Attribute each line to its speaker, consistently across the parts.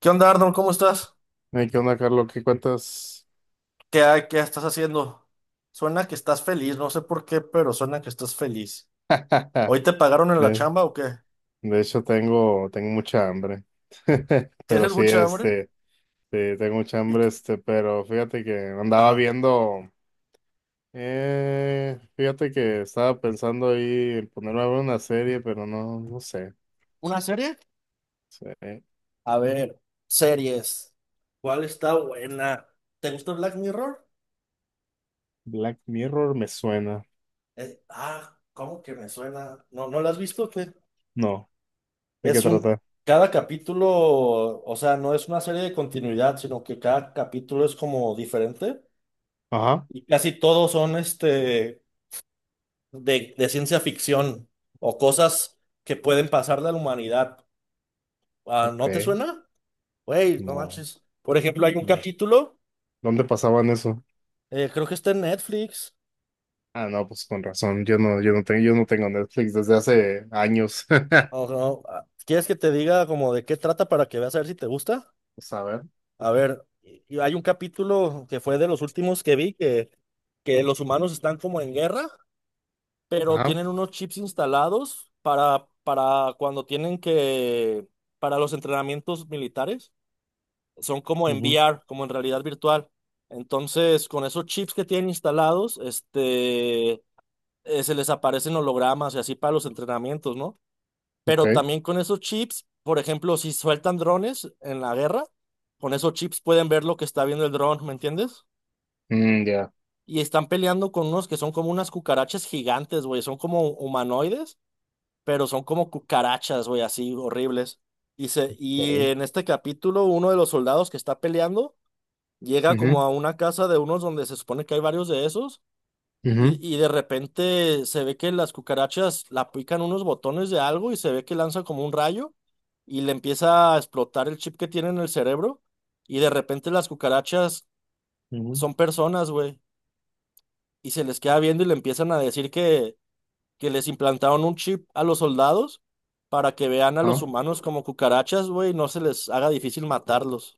Speaker 1: ¿Qué onda, Arnold? ¿Cómo estás?
Speaker 2: Hey, ¿qué onda, Carlos? ¿Qué cuentas?
Speaker 1: ¿Qué, qué estás haciendo? Suena que estás feliz, no sé por qué, pero suena que estás feliz. ¿Hoy te pagaron en la
Speaker 2: De,
Speaker 1: chamba o qué?
Speaker 2: de hecho, tengo mucha hambre. Pero
Speaker 1: ¿Tienes
Speaker 2: sí,
Speaker 1: mucha hambre?
Speaker 2: sí, tengo mucha
Speaker 1: Y-
Speaker 2: hambre,
Speaker 1: qué-
Speaker 2: pero fíjate que andaba
Speaker 1: Ajá.
Speaker 2: viendo, fíjate que estaba pensando ahí en ponerme a ver una serie, pero no sé.
Speaker 1: ¿Una serie?
Speaker 2: Sí,
Speaker 1: A ver, series. ¿Cuál está buena? ¿Te gusta Black Mirror?
Speaker 2: Black Mirror me suena.
Speaker 1: ¿Cómo que me suena? ¿No, no la has visto? ¿O qué?
Speaker 2: No, ¿de qué
Speaker 1: Es un...
Speaker 2: trata?
Speaker 1: Cada capítulo, o sea, no es una serie de continuidad, sino que cada capítulo es como diferente.
Speaker 2: Ajá,
Speaker 1: Y casi todos son de ciencia ficción o cosas que pueden pasar de la humanidad. Ah,
Speaker 2: ok,
Speaker 1: ¿no te suena? Güey, no
Speaker 2: no.
Speaker 1: manches. Por ejemplo, hay un
Speaker 2: No.
Speaker 1: capítulo,
Speaker 2: ¿Dónde pasaban eso?
Speaker 1: creo que está en Netflix.
Speaker 2: Ah, no, pues con razón. Yo no tengo Netflix desde hace años.
Speaker 1: O no, ah, ¿quieres que te diga como de qué trata para que veas a ver si te gusta?
Speaker 2: Pues a ver.
Speaker 1: A ver, y hay un capítulo que fue de los últimos que vi que los humanos están como en guerra, pero
Speaker 2: Ajá,
Speaker 1: tienen unos chips instalados para cuando tienen que, para los entrenamientos militares. Son como en
Speaker 2: ujú,
Speaker 1: VR, como en realidad virtual. Entonces, con esos chips que tienen instalados, se les aparecen hologramas y así para los entrenamientos, ¿no? Pero
Speaker 2: ok.
Speaker 1: también con esos chips, por ejemplo, si sueltan drones en la guerra, con esos chips pueden ver lo que está viendo el dron, ¿me entiendes?
Speaker 2: Mm, ya.
Speaker 1: Y están peleando con unos que son como unas cucarachas gigantes, güey, son como humanoides, pero son como cucarachas, güey, así horribles. Y
Speaker 2: Ok.
Speaker 1: en este capítulo, uno de los soldados que está peleando llega
Speaker 2: Ujú,
Speaker 1: como a una casa de unos donde se supone que hay varios de esos
Speaker 2: ujú,
Speaker 1: y de repente se ve que las cucarachas la aplican unos botones de algo y se ve que lanza como un rayo y le empieza a explotar el chip que tiene en el cerebro y de repente las cucarachas
Speaker 2: ujú.
Speaker 1: son personas, güey, y se les queda viendo y le empiezan a decir que les implantaron un chip a los soldados para que vean a los
Speaker 2: Ah,
Speaker 1: humanos como cucarachas, güey, y no se les haga difícil matarlos.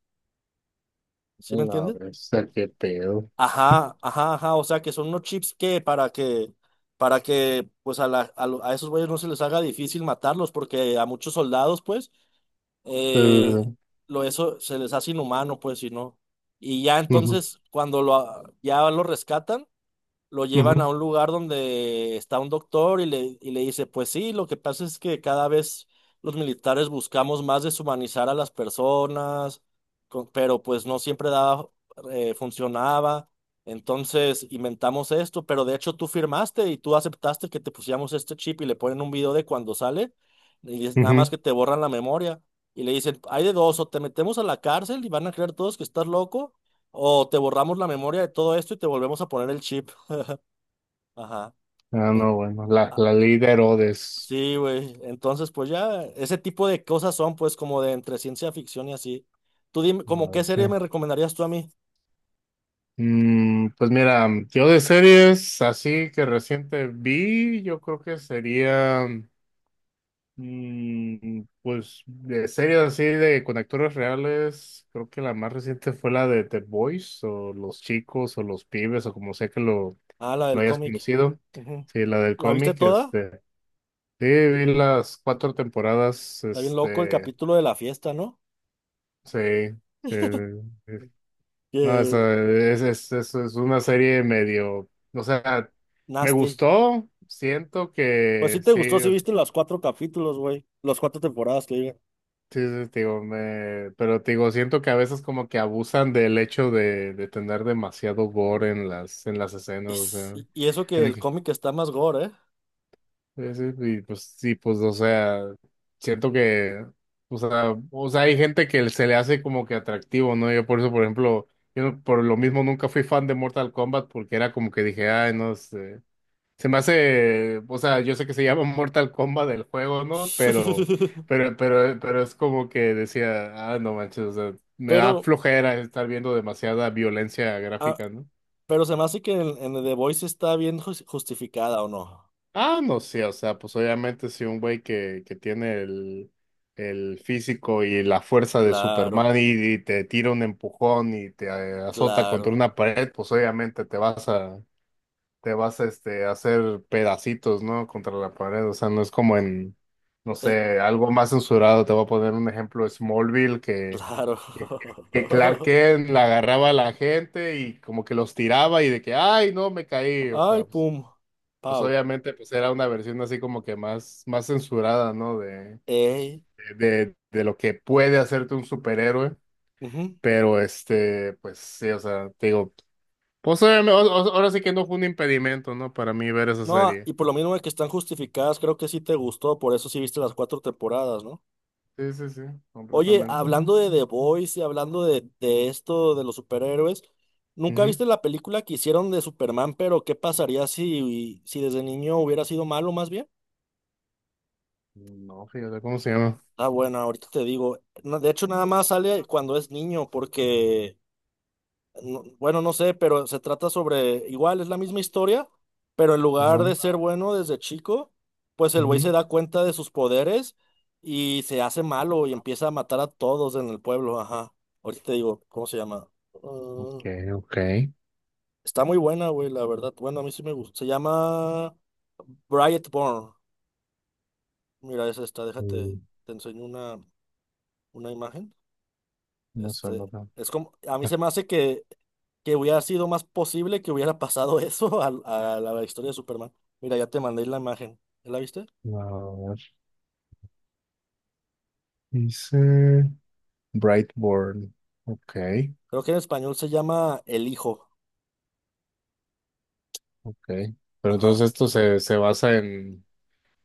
Speaker 1: ¿Sí me
Speaker 2: la
Speaker 1: entiendes?
Speaker 2: bestia, qué pedo.
Speaker 1: Ajá, ajá, ajá, o sea que son unos chips que para que, para que pues a, la, a, lo- a esos güeyes no se les haga difícil matarlos, porque a muchos soldados pues eh,
Speaker 2: Eh,
Speaker 1: lo eso se les hace inhumano pues si no. Y ya
Speaker 2: ujú,
Speaker 1: entonces cuando ya lo rescatan, lo llevan a
Speaker 2: ujú,
Speaker 1: un lugar donde está un doctor y le dice, pues sí, lo que pasa es que cada vez los militares buscamos más deshumanizar a las personas, pero pues no siempre daba, funcionaba. Entonces inventamos esto, pero de hecho tú firmaste y tú aceptaste que te pusiéramos este chip y le ponen un video de cuando sale y es nada
Speaker 2: ujú.
Speaker 1: más que te borran la memoria y le dicen, hay de dos, o te metemos a la cárcel y van a creer todos que estás loco, o te borramos la memoria de todo esto y te volvemos a poner el chip. Ajá.
Speaker 2: Ah,
Speaker 1: Eh,
Speaker 2: no, bueno. La,
Speaker 1: ah,
Speaker 2: la ley de Herodes.
Speaker 1: sí, güey. Entonces, pues ya, ese tipo de cosas son, pues, como de entre ciencia ficción y así. Tú dime, ¿como qué serie
Speaker 2: Bestia.
Speaker 1: me recomendarías tú a mí?
Speaker 2: Mm, pues mira, yo de series así que reciente vi, yo creo que sería. Mm, pues de series así de con actores reales, creo que la más reciente fue la de The Boys o Los Chicos o Los Pibes o como sea que
Speaker 1: Ah, la
Speaker 2: lo
Speaker 1: del
Speaker 2: hayas
Speaker 1: cómic.
Speaker 2: conocido.
Speaker 1: Ujú.
Speaker 2: Sí, la del
Speaker 1: ¿La viste
Speaker 2: cómic,
Speaker 1: toda?
Speaker 2: sí, vi las cuatro temporadas,
Speaker 1: Está bien loco el capítulo de la fiesta, ¿no?
Speaker 2: sí, sí, es- no,
Speaker 1: Que
Speaker 2: esa es una serie medio, o sea, me
Speaker 1: nasty.
Speaker 2: gustó, siento
Speaker 1: Pues
Speaker 2: que
Speaker 1: sí te gustó,
Speaker 2: sí.
Speaker 1: sí viste los cuatro capítulos, güey. Las cuatro temporadas que digan.
Speaker 2: Sí, sí, sí, te digo, me... pero te digo, siento que a veces como que abusan del hecho de tener demasiado gore en en las escenas, o sea,
Speaker 1: Y eso que
Speaker 2: en el
Speaker 1: el
Speaker 2: que-
Speaker 1: cómic está más gore, ¿eh?
Speaker 2: sí, sí, y pues sí, pues, o sea, siento que, o sea, hay gente que se le hace como que atractivo, ¿no? Yo por eso, por ejemplo, yo no- por lo mismo nunca fui fan de Mortal Kombat porque era como que dije, ay, no sé. Se me hace, o sea, yo sé que se llama Mortal Kombat del juego, ¿no? Pero es como que decía, ah, no manches, o sea, me da
Speaker 1: Pero,
Speaker 2: flojera estar viendo demasiada violencia
Speaker 1: ah,
Speaker 2: gráfica, ¿no?
Speaker 1: pero se me hace que en The Voice está bien justificada, ¿o no?
Speaker 2: Ah, no sé, o sea, pues obviamente si un güey que tiene el físico y la fuerza de Superman
Speaker 1: Claro.
Speaker 2: y te tira un empujón y te azota contra una
Speaker 1: Claro,
Speaker 2: pared, pues obviamente te vas a a hacer pedacitos, ¿no? Contra la pared, o sea, no es como en, no
Speaker 1: eh,
Speaker 2: sé, algo más censurado, te voy a poner un ejemplo, Smallville,
Speaker 1: claro.
Speaker 2: que, que Clark Kent la agarraba a la gente y como que los tiraba y de que, ay, no, me caí, o
Speaker 1: Ay,
Speaker 2: sea, pues,
Speaker 1: pum,
Speaker 2: pues
Speaker 1: pau.
Speaker 2: obviamente pues era una versión así como que más, más censurada, ¿no? De,
Speaker 1: Ey.
Speaker 2: de lo que puede hacerte un superhéroe,
Speaker 1: Ujú.
Speaker 2: pero pues sí, o sea, te digo, pues obviamente, ahora sí que no fue un impedimento, ¿no? Para mí ver esa
Speaker 1: No, ah,
Speaker 2: serie.
Speaker 1: y por lo mismo de que están justificadas, creo que sí te gustó, por eso sí viste las cuatro temporadas, ¿no?
Speaker 2: Sí, sí, sí,
Speaker 1: Oye,
Speaker 2: completamente.
Speaker 1: hablando de The Boys y hablando de esto de los superhéroes, ¿nunca
Speaker 2: Ujú.
Speaker 1: viste la película que hicieron de Superman, pero qué pasaría si, si desde niño hubiera sido malo más bien?
Speaker 2: No, fíjate cómo se llama.
Speaker 1: Ah, bueno, ahorita te digo. No, de hecho, nada más sale cuando es niño, porque bueno, no sé, pero se trata sobre, igual es la misma historia, pero en lugar de ser
Speaker 2: Ajá.
Speaker 1: bueno desde chico, pues el güey se
Speaker 2: Ujú.
Speaker 1: da cuenta de sus poderes y se hace malo y empieza a matar a todos en el pueblo, ajá. Ahorita te digo, ¿cómo se llama? Mm,
Speaker 2: Ok, ok.
Speaker 1: está muy buena, güey, la verdad. Bueno, a mí sí me gusta. Se llama Brightborn. Mira, es esta, déjate,
Speaker 2: Mm,
Speaker 1: te enseño una imagen.
Speaker 2: no suena
Speaker 1: Este,
Speaker 2: tan.
Speaker 1: es como, a mí
Speaker 2: A
Speaker 1: se me hace que hubiera sido más posible que hubiera pasado eso a la historia de Superman. Mira, ya te mandé la imagen. ¿Ya la viste?
Speaker 2: ver, dice Brightborn. Ok,
Speaker 1: Creo que en español se llama El Hijo.
Speaker 2: ok. Pero
Speaker 1: Ajá.
Speaker 2: entonces esto se, se basa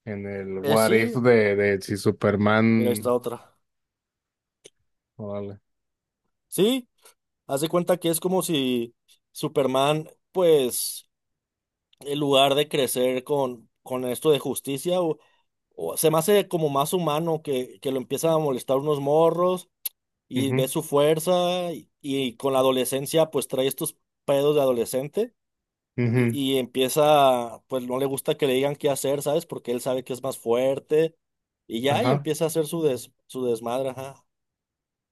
Speaker 2: en el what if
Speaker 1: Sí,
Speaker 2: de si
Speaker 1: mira, ahí está
Speaker 2: Superman.
Speaker 1: otra.
Speaker 2: Órale.
Speaker 1: Sí, haz de cuenta que es como si Superman, pues, en lugar de crecer con esto de justicia, o se me hace como más humano que lo empiezan a molestar unos morros. Y ves
Speaker 2: Ujú,
Speaker 1: su fuerza y con la adolescencia pues trae estos pedos de adolescente
Speaker 2: ujú.
Speaker 1: y empieza, pues no le gusta que le digan qué hacer, ¿sabes? Porque él sabe que es más fuerte y ya y
Speaker 2: Ajá.
Speaker 1: empieza a hacer su su desmadre, ajá.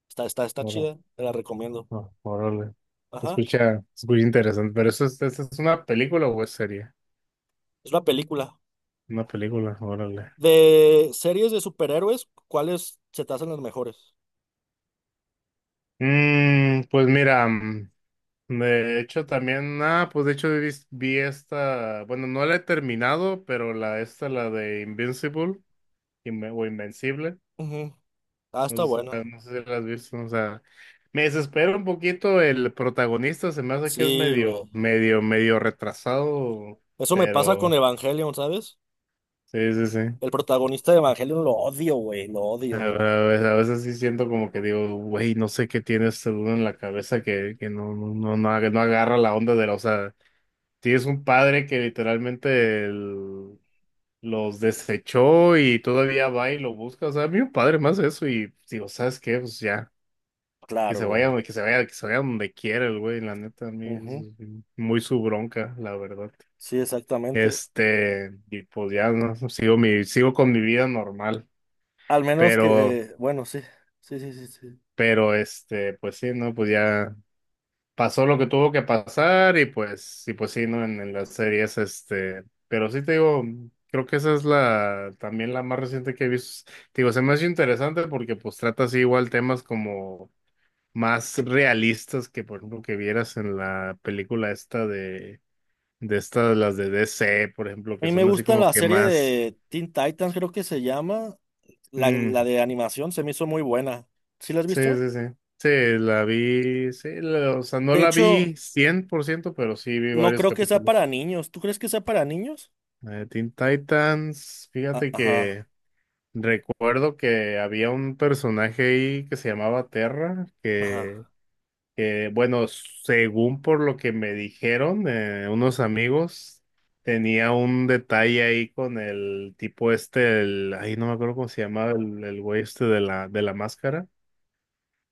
Speaker 1: Está
Speaker 2: Ora-
Speaker 1: chida, te la recomiendo.
Speaker 2: Órale. Se
Speaker 1: Ajá,
Speaker 2: escucha, se escucha interesante. Pero eso es, ¿esa es una película o es serie?
Speaker 1: es una película.
Speaker 2: Una película, órale.
Speaker 1: De series de superhéroes, ¿cuáles se te hacen las mejores?
Speaker 2: Mm, pues mira, mm, de hecho también, ah, pues de hecho vi, vi esta, bueno, no la he terminado, pero la esta, la de Invincible, o Invencible,
Speaker 1: Ujú. Ah,
Speaker 2: no
Speaker 1: está
Speaker 2: sé si,
Speaker 1: buena.
Speaker 2: no sé si la has visto, o sea, me desespera un poquito el protagonista, se me hace que es
Speaker 1: Sí, güey.
Speaker 2: medio retrasado,
Speaker 1: Eso me pasa con
Speaker 2: pero
Speaker 1: Evangelion, ¿sabes?
Speaker 2: sí, sí, sí.
Speaker 1: El protagonista de Evangelion lo odio, güey, lo
Speaker 2: A
Speaker 1: odio.
Speaker 2: ver, a veces sí siento como que digo, güey, no sé qué tiene este dude en la cabeza que no no agarra la onda de la. Tienes un padre que literalmente los desechó y todavía va y lo busca. O sea, a mí un padre más eso y digo, ¿sabes qué? Pues ya,
Speaker 1: Claro, güey.
Speaker 2: que se vaya donde quiera el güey, la neta, a mí eso
Speaker 1: Ujú.
Speaker 2: es muy su bronca, la verdad.
Speaker 1: Sí, exactamente.
Speaker 2: Este, y pues ya, ¿no? Sigo mi, sigo con mi vida normal,
Speaker 1: Al menos que,
Speaker 2: pero,
Speaker 1: bueno, sí, sí, sí, sí, sí.
Speaker 2: pero este, pues sí, no, pues ya. Pasó lo que tuvo que pasar y pues sí, ¿no? En las series, este, pero sí te digo, creo que esa es la, también la más reciente que he visto. Te digo, se me hace interesante porque pues trata así igual temas como más realistas que, por ejemplo, que vieras en la película esta de estas, las de DC, por ejemplo,
Speaker 1: A
Speaker 2: que
Speaker 1: mí me
Speaker 2: son así
Speaker 1: gusta
Speaker 2: como
Speaker 1: la
Speaker 2: que
Speaker 1: serie
Speaker 2: más,
Speaker 1: de Teen Titans, creo que se llama.
Speaker 2: mm,
Speaker 1: La de animación se me hizo muy buena. ¿Sí la has
Speaker 2: sí,
Speaker 1: visto?
Speaker 2: sí, sí. Sí, la vi, sí, o sea, no
Speaker 1: De
Speaker 2: la
Speaker 1: hecho,
Speaker 2: vi 100% pero sí vi
Speaker 1: no
Speaker 2: varios
Speaker 1: creo que sea para
Speaker 2: capítulos.
Speaker 1: niños. ¿Tú crees que sea para niños?
Speaker 2: La de Teen Titans,
Speaker 1: Ah,
Speaker 2: fíjate
Speaker 1: ajá,
Speaker 2: que recuerdo que había un personaje ahí que se llamaba Terra,
Speaker 1: ajá.
Speaker 2: que, bueno, según por lo que me dijeron unos amigos, tenía un detalle ahí con el tipo este, el, ahí no me acuerdo cómo se llamaba el güey este de de la máscara,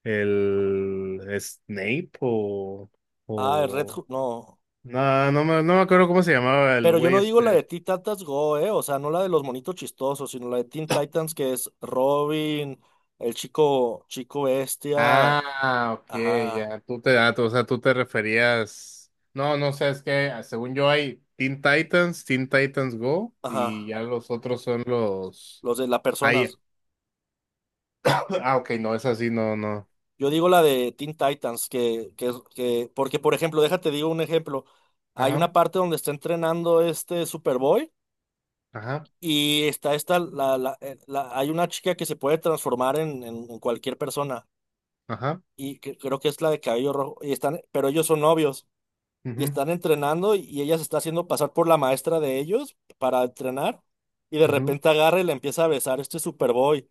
Speaker 2: el Snape
Speaker 1: Ah, el Red
Speaker 2: o,
Speaker 1: Hood, no.
Speaker 2: no, no me, no me acuerdo cómo se llamaba el
Speaker 1: Pero yo
Speaker 2: güey
Speaker 1: no digo la
Speaker 2: este.
Speaker 1: de Teen Titans Go, eh. O sea, no la de los monitos chistosos, sino la de Teen Titans que es Robin, el chico, chico bestia.
Speaker 2: Ah, ok,
Speaker 1: Ajá,
Speaker 2: ya, tú te, ah, tú- o sea, tú te referías, no, no sé, es que ah, según yo hay Teen Titans, Teen Titans Go, y
Speaker 1: ajá.
Speaker 2: ya los otros son los,
Speaker 1: Los de las
Speaker 2: ahí,
Speaker 1: personas.
Speaker 2: ah, ok, no, es así, no, no,
Speaker 1: Yo digo la de Teen Titans, que, porque por ejemplo, déjate digo un ejemplo. Hay una
Speaker 2: ajá,
Speaker 1: parte donde está entrenando este Superboy
Speaker 2: ajá,
Speaker 1: y está esta, hay una chica que se puede transformar en cualquier persona
Speaker 2: ajá,
Speaker 1: y que, creo que es la de cabello rojo y están, pero ellos son novios y
Speaker 2: ujú,
Speaker 1: están entrenando y ella se está haciendo pasar por la maestra de ellos para entrenar y de
Speaker 2: ujú,
Speaker 1: repente agarra y le empieza a besar este Superboy.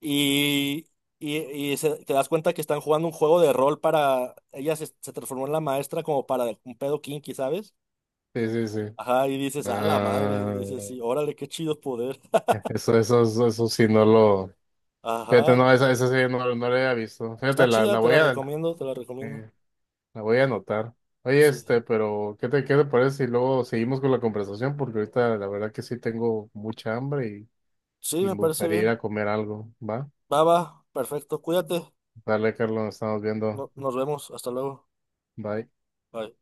Speaker 1: Y, y, y te das cuenta que están jugando un juego de rol para... Ella se transformó en la maestra como para un pedo kinky, ¿sabes?
Speaker 2: sí, sí, sí,
Speaker 1: Ajá, y dices, a la madre, dices,
Speaker 2: ah,
Speaker 1: sí, órale, qué chido poder.
Speaker 2: eso sí, no lo, fíjate,
Speaker 1: Ajá,
Speaker 2: no, esa sí, no, no la había visto, fíjate,
Speaker 1: está chida,
Speaker 2: la
Speaker 1: te
Speaker 2: voy
Speaker 1: la
Speaker 2: a,
Speaker 1: recomiendo, te la recomiendo.
Speaker 2: eh, la voy a anotar. Oye,
Speaker 1: Sí,
Speaker 2: este, pero qué te parece si luego seguimos con la conversación? Porque ahorita la verdad que sí tengo mucha hambre
Speaker 1: sí,
Speaker 2: y
Speaker 1: me
Speaker 2: me
Speaker 1: parece
Speaker 2: gustaría ir a
Speaker 1: bien.
Speaker 2: comer algo, ¿va?
Speaker 1: Va, va, perfecto, cuídate,
Speaker 2: Dale, Carlos, nos estamos viendo.
Speaker 1: nos vemos, hasta luego.
Speaker 2: Bye.
Speaker 1: Bye.